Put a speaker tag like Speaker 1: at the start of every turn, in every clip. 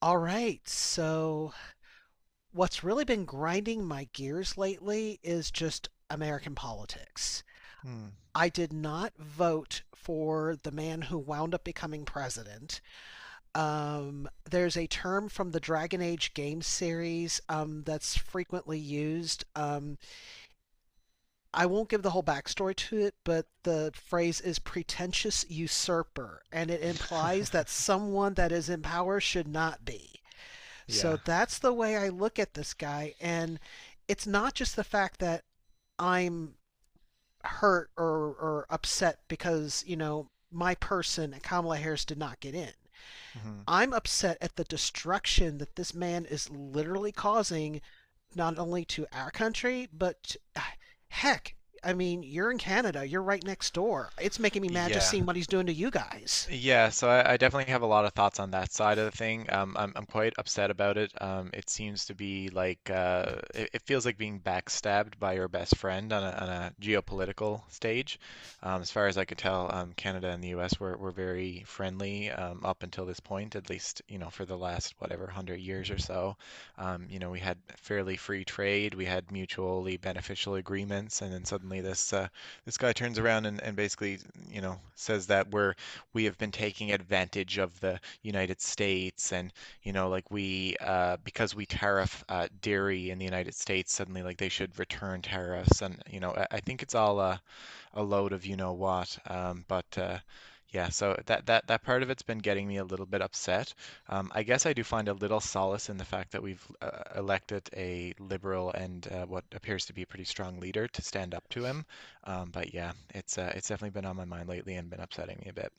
Speaker 1: All right. So, what's really been grinding my gears lately is just American politics.
Speaker 2: Hmm.
Speaker 1: I did not vote for the man who wound up becoming president. There's a term from the Dragon Age game series that's frequently used. I won't give the whole backstory to it, but the phrase is pretentious usurper, and it implies that someone that is in power should not be. So
Speaker 2: Yeah.
Speaker 1: that's the way I look at this guy. And it's not just the fact that I'm hurt or upset because, my person, Kamala Harris, did not get in.
Speaker 2: Mhm.
Speaker 1: I'm upset at the destruction that this man is literally causing, not only to our country, but heck, I mean, you're in Canada, you're right next door. It's making me mad just
Speaker 2: Yeah.
Speaker 1: seeing what he's doing to you guys.
Speaker 2: Yeah, so I definitely have a lot of thoughts on that side of the thing. I'm quite upset about it. It seems to be like it feels like being backstabbed by your best friend on on a geopolitical stage. As far as I could tell, Canada and the U.S. were very friendly up until this point, at least for the last whatever hundred years or so. We had fairly free trade, we had mutually beneficial agreements, and then suddenly this guy turns around and basically says that we have been taking advantage of the United States and like we because we tariff dairy in the United States suddenly like they should return tariffs and I think it's all a load of you know what but yeah, so that part of it's been getting me a little bit upset. I guess I do find a little solace in the fact that we've elected a liberal and what appears to be a pretty strong leader to stand up to him. But yeah, it's definitely been on my mind lately and been upsetting me a bit.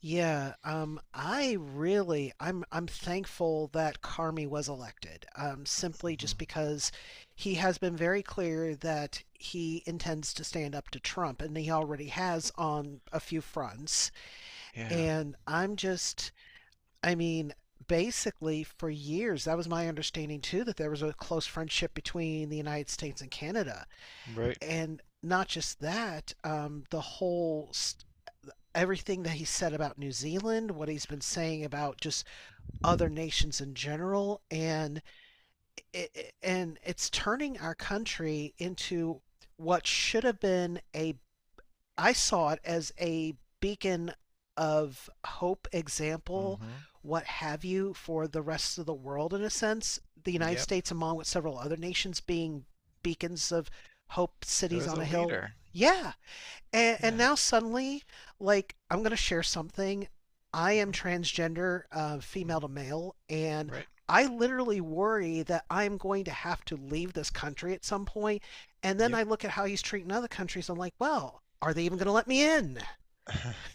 Speaker 1: Yeah, I'm thankful that Carmi was elected, simply just
Speaker 2: Hmm.
Speaker 1: because he has been very clear that he intends to stand up to Trump, and he already has on a few fronts.
Speaker 2: Yeah,
Speaker 1: And I mean, basically for years, that was my understanding too, that there was a close friendship between the United States and Canada,
Speaker 2: right.
Speaker 1: and not just that. Everything that he said about New Zealand, what he's been saying about just other nations in general, and it's turning our country into what should have been a I saw it as a beacon of hope, example,
Speaker 2: Hmm.
Speaker 1: what have you, for the rest of the world in a sense. The United
Speaker 2: Yep.
Speaker 1: States, among with several other nations, being beacons of hope,
Speaker 2: It
Speaker 1: cities
Speaker 2: was
Speaker 1: on
Speaker 2: a
Speaker 1: a hill.
Speaker 2: leader.
Speaker 1: Yeah, and
Speaker 2: Yeah.
Speaker 1: now suddenly, like, I'm going to share something. I am
Speaker 2: Hmm.
Speaker 1: transgender, female
Speaker 2: Hmm.
Speaker 1: to male, and
Speaker 2: Right.
Speaker 1: I literally worry that I'm going to have to leave this country at some point. And then
Speaker 2: Yep.
Speaker 1: I look at how he's treating other countries. I'm like, well, are they even going to let me in?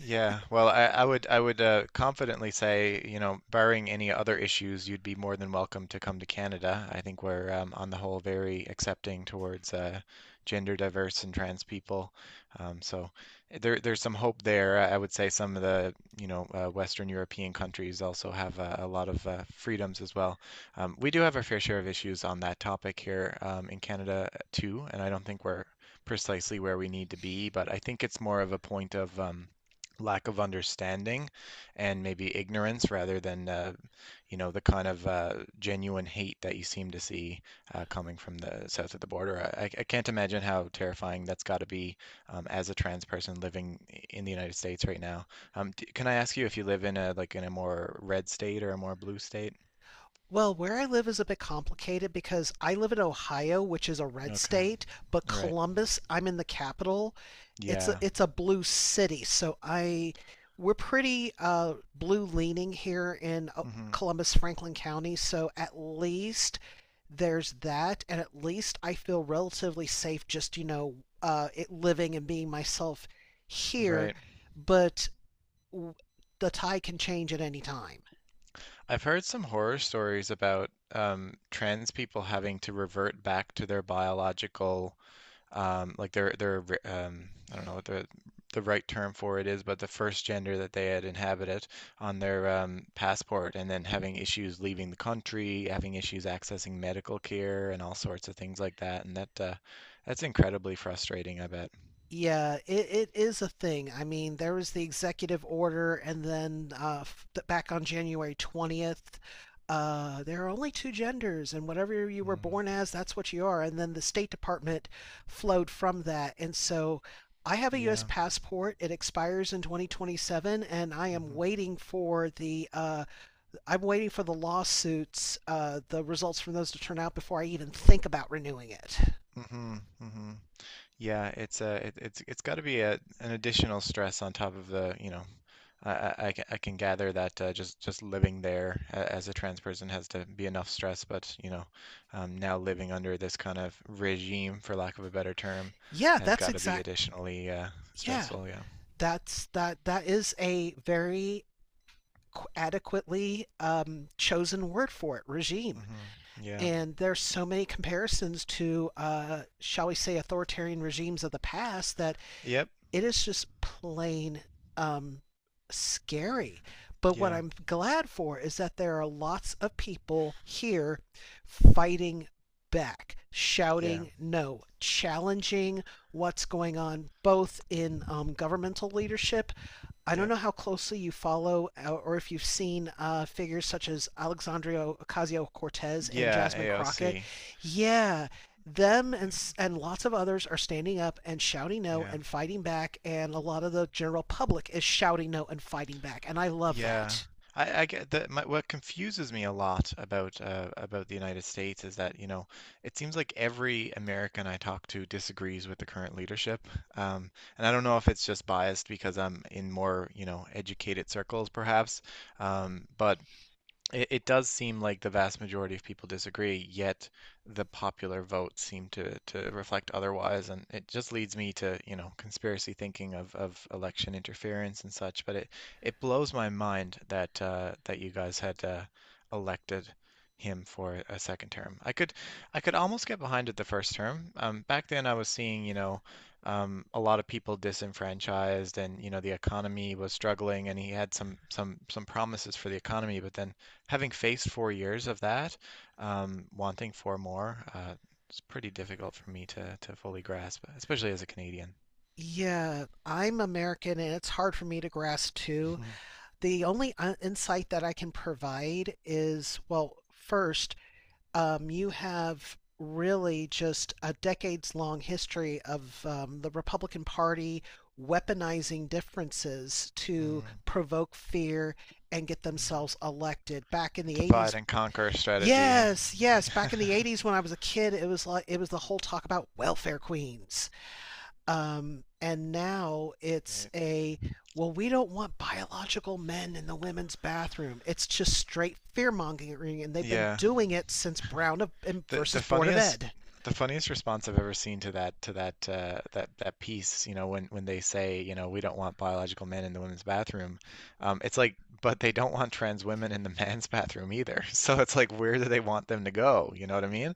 Speaker 2: Yeah, well, I would confidently say, barring any other issues, you'd be more than welcome to come to Canada. I think we're on the whole very accepting towards gender diverse and trans people. So there's some hope there. I would say some of the Western European countries also have a lot of freedoms as well. We do have our fair share of issues on that topic here in Canada too, and I don't think we're precisely where we need to be, but I think it's more of a point of lack of understanding and maybe ignorance rather than the kind of genuine hate that you seem to see coming from the south of the border. I can't imagine how terrifying that's got to be as a trans person living in the United States right now. D Can I ask you if you live in a more red state or a more blue state?
Speaker 1: Well, where I live is a bit complicated because I live in Ohio, which is a red
Speaker 2: Okay,
Speaker 1: state, but
Speaker 2: right.
Speaker 1: Columbus, I'm in the capital. It's a
Speaker 2: Yeah.
Speaker 1: it's a blue city, so I we're pretty blue leaning here in
Speaker 2: Hmm.
Speaker 1: Columbus, Franklin County. So at least there's that, and at least I feel relatively safe just, you know, it living and being myself here.
Speaker 2: Right.
Speaker 1: But w- the tide can change at any time.
Speaker 2: I've heard some horror stories about trans people having to revert back to their biological, like their, I don't know what the right term for it is, but the first gender that they had inhabited on their passport, and then having issues leaving the country, having issues accessing medical care, and all sorts of things like that. And that's incredibly frustrating, I bet.
Speaker 1: Yeah, it is a thing. I mean, there was the executive order, and then back on January 20th, there are only two genders, and whatever you were
Speaker 2: Mm,
Speaker 1: born as, that's what you are. And then the State Department flowed from that. And so I have a U.S.
Speaker 2: yeah.
Speaker 1: passport. It expires in 2027, and
Speaker 2: Hmm.
Speaker 1: I'm waiting for the lawsuits, the results from those to turn out before I even think about renewing it.
Speaker 2: Hmm. Hmm. Yeah, it's a it's got to be a an additional stress on top of the, I can gather that just living there as a trans person has to be enough stress, but now living under this kind of regime, for lack of a better term,
Speaker 1: Yeah,
Speaker 2: has
Speaker 1: that's
Speaker 2: got to be
Speaker 1: exact.
Speaker 2: additionally
Speaker 1: Yeah,
Speaker 2: stressful. Yeah.
Speaker 1: that is a very adequately chosen word for it, regime.
Speaker 2: Hmm. Yeah.
Speaker 1: And there's so many comparisons to shall we say, authoritarian regimes of the past, that
Speaker 2: Yep.
Speaker 1: it is just plain um, scary. But what
Speaker 2: Yeah.
Speaker 1: I'm glad for is that there are lots of people here fighting back,
Speaker 2: Yeah.
Speaker 1: shouting no, challenging what's going on both in governmental leadership. I don't
Speaker 2: Yep.
Speaker 1: know how closely you follow, or if you've seen, figures such as Alexandria Ocasio Cortez and
Speaker 2: Yeah.
Speaker 1: Jasmine Crockett.
Speaker 2: AOC.
Speaker 1: Yeah, them, and
Speaker 2: Yeah.
Speaker 1: and lots of others are standing up and shouting no
Speaker 2: Yeah.
Speaker 1: and fighting back, and a lot of the general public is shouting no and fighting back, and I love
Speaker 2: Yeah,
Speaker 1: that.
Speaker 2: I get that. What confuses me a lot about the United States is that, it seems like every American I talk to disagrees with the current leadership. Um, and I don't know if it's just biased because I'm in more, educated circles, perhaps. But it does seem like the vast majority of people disagree, yet the popular vote seem to reflect otherwise. And it just leads me to, conspiracy thinking of election interference and such. But it blows my mind that you guys had elected him for a second term. I could almost get behind it the first term. Back then I was seeing, a lot of people disenfranchised and, the economy was struggling and he had some promises for the economy, but then having faced 4 years of that, wanting 4 more, it's pretty difficult for me to fully grasp, especially as a Canadian.
Speaker 1: Yeah, I'm American and it's hard for me to grasp too. The only insight that I can provide is, well, first, you have really just a decades long history of the Republican Party weaponizing differences to
Speaker 2: Mm,
Speaker 1: provoke fear and get themselves
Speaker 2: mm.
Speaker 1: elected back in the
Speaker 2: Divide
Speaker 1: 80s.
Speaker 2: and conquer strategy, eh?
Speaker 1: Yes, yes, back in the 80s when I was a kid, it was like, it was the whole talk about welfare queens. And now,
Speaker 2: Right.
Speaker 1: well, we don't want biological men in the women's bathroom. It's just straight fear mongering, and they've been
Speaker 2: Yeah.
Speaker 1: doing it since Brown of,
Speaker 2: The
Speaker 1: versus
Speaker 2: the
Speaker 1: Board of
Speaker 2: funniest
Speaker 1: Ed.
Speaker 2: the funniest response I've ever seen to that piece, when they say, we don't want biological men in the women's bathroom. It's like, but they don't want trans women in the men's bathroom either. So it's like, where do they want them to go? You know what I mean?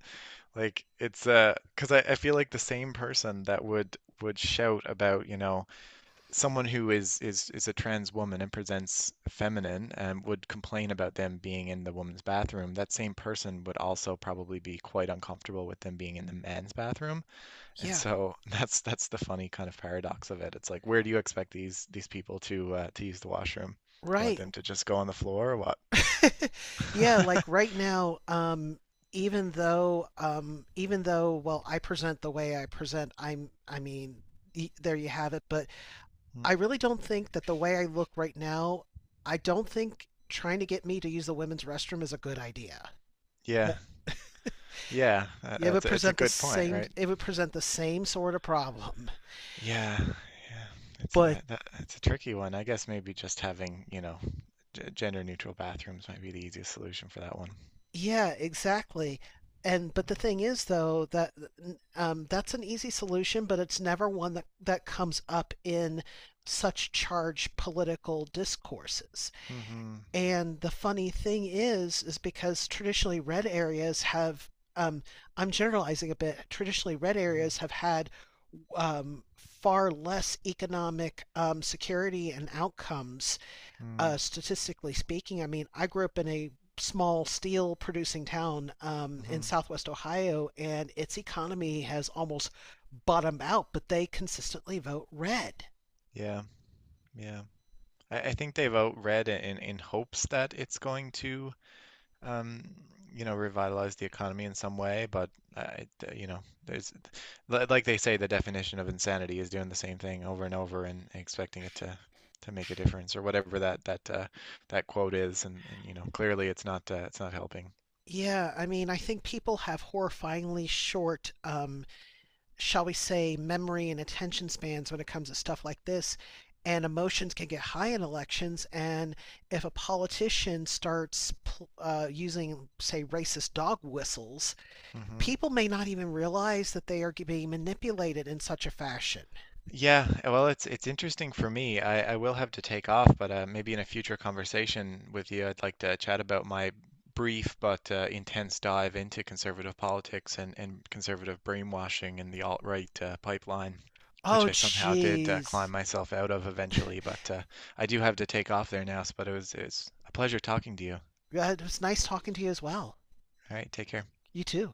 Speaker 2: Like it's because I feel like the same person that would shout about, someone who is a trans woman and presents feminine and would complain about them being in the woman's bathroom, that same person would also probably be quite uncomfortable with them being in the man's bathroom. And
Speaker 1: Yeah,
Speaker 2: so that's the funny kind of paradox of it. It's like, where do you expect these people to use the washroom? Do you want
Speaker 1: right.
Speaker 2: them to just go on the floor or what?
Speaker 1: Yeah, like right now, even though, well, I present the way I present, I mean, there you have it. But I really don't think that the way I look right now, I don't think trying to get me to use the women's restroom is a good idea.
Speaker 2: Yeah. Yeah,
Speaker 1: It
Speaker 2: it's
Speaker 1: would
Speaker 2: a, it's a
Speaker 1: present the
Speaker 2: good point,
Speaker 1: same.
Speaker 2: right?
Speaker 1: It would present the same sort of problem.
Speaker 2: Yeah, yeah, it's
Speaker 1: But
Speaker 2: a that, it's a tricky one. I guess maybe just having, g gender neutral bathrooms might be the easiest solution for that one.
Speaker 1: yeah, exactly. And but the thing is, though, that that's an easy solution, but it's never one that comes up in such charged political discourses.
Speaker 2: Mm-hmm.
Speaker 1: And the funny thing is because traditionally red areas have, um, I'm generalizing a bit, traditionally red areas have had far less economic security and outcomes,
Speaker 2: Mm-hmm.
Speaker 1: statistically speaking. I mean, I grew up in a small steel producing town in
Speaker 2: Hmm.
Speaker 1: southwest Ohio, and its economy has almost bottomed out, but they consistently vote red.
Speaker 2: Yeah, yeah. I think they've outread it in hopes that it's going to um, revitalize the economy in some way, but I, uh, you know, there's, like they say, the definition of insanity is doing the same thing over and over and expecting it to make a difference or whatever that that quote is, and clearly it's not helping.
Speaker 1: Yeah, I mean, I think people have horrifyingly short, shall we say, memory and attention spans when it comes to stuff like this. And emotions can get high in elections. And if a politician starts using, say, racist dog whistles,
Speaker 2: Hmm.
Speaker 1: people may not even realize that they are being manipulated in such a fashion.
Speaker 2: Yeah, well, it's interesting for me. I will have to take off, but maybe in a future conversation with you, I'd like to chat about my brief but intense dive into conservative politics and conservative brainwashing and the alt-right pipeline, which
Speaker 1: Oh,
Speaker 2: I somehow did
Speaker 1: jeez.
Speaker 2: climb myself out of eventually. But I do have to take off there now, but it's a pleasure talking to you. All
Speaker 1: It was nice talking to you as well.
Speaker 2: right, take care.
Speaker 1: You too.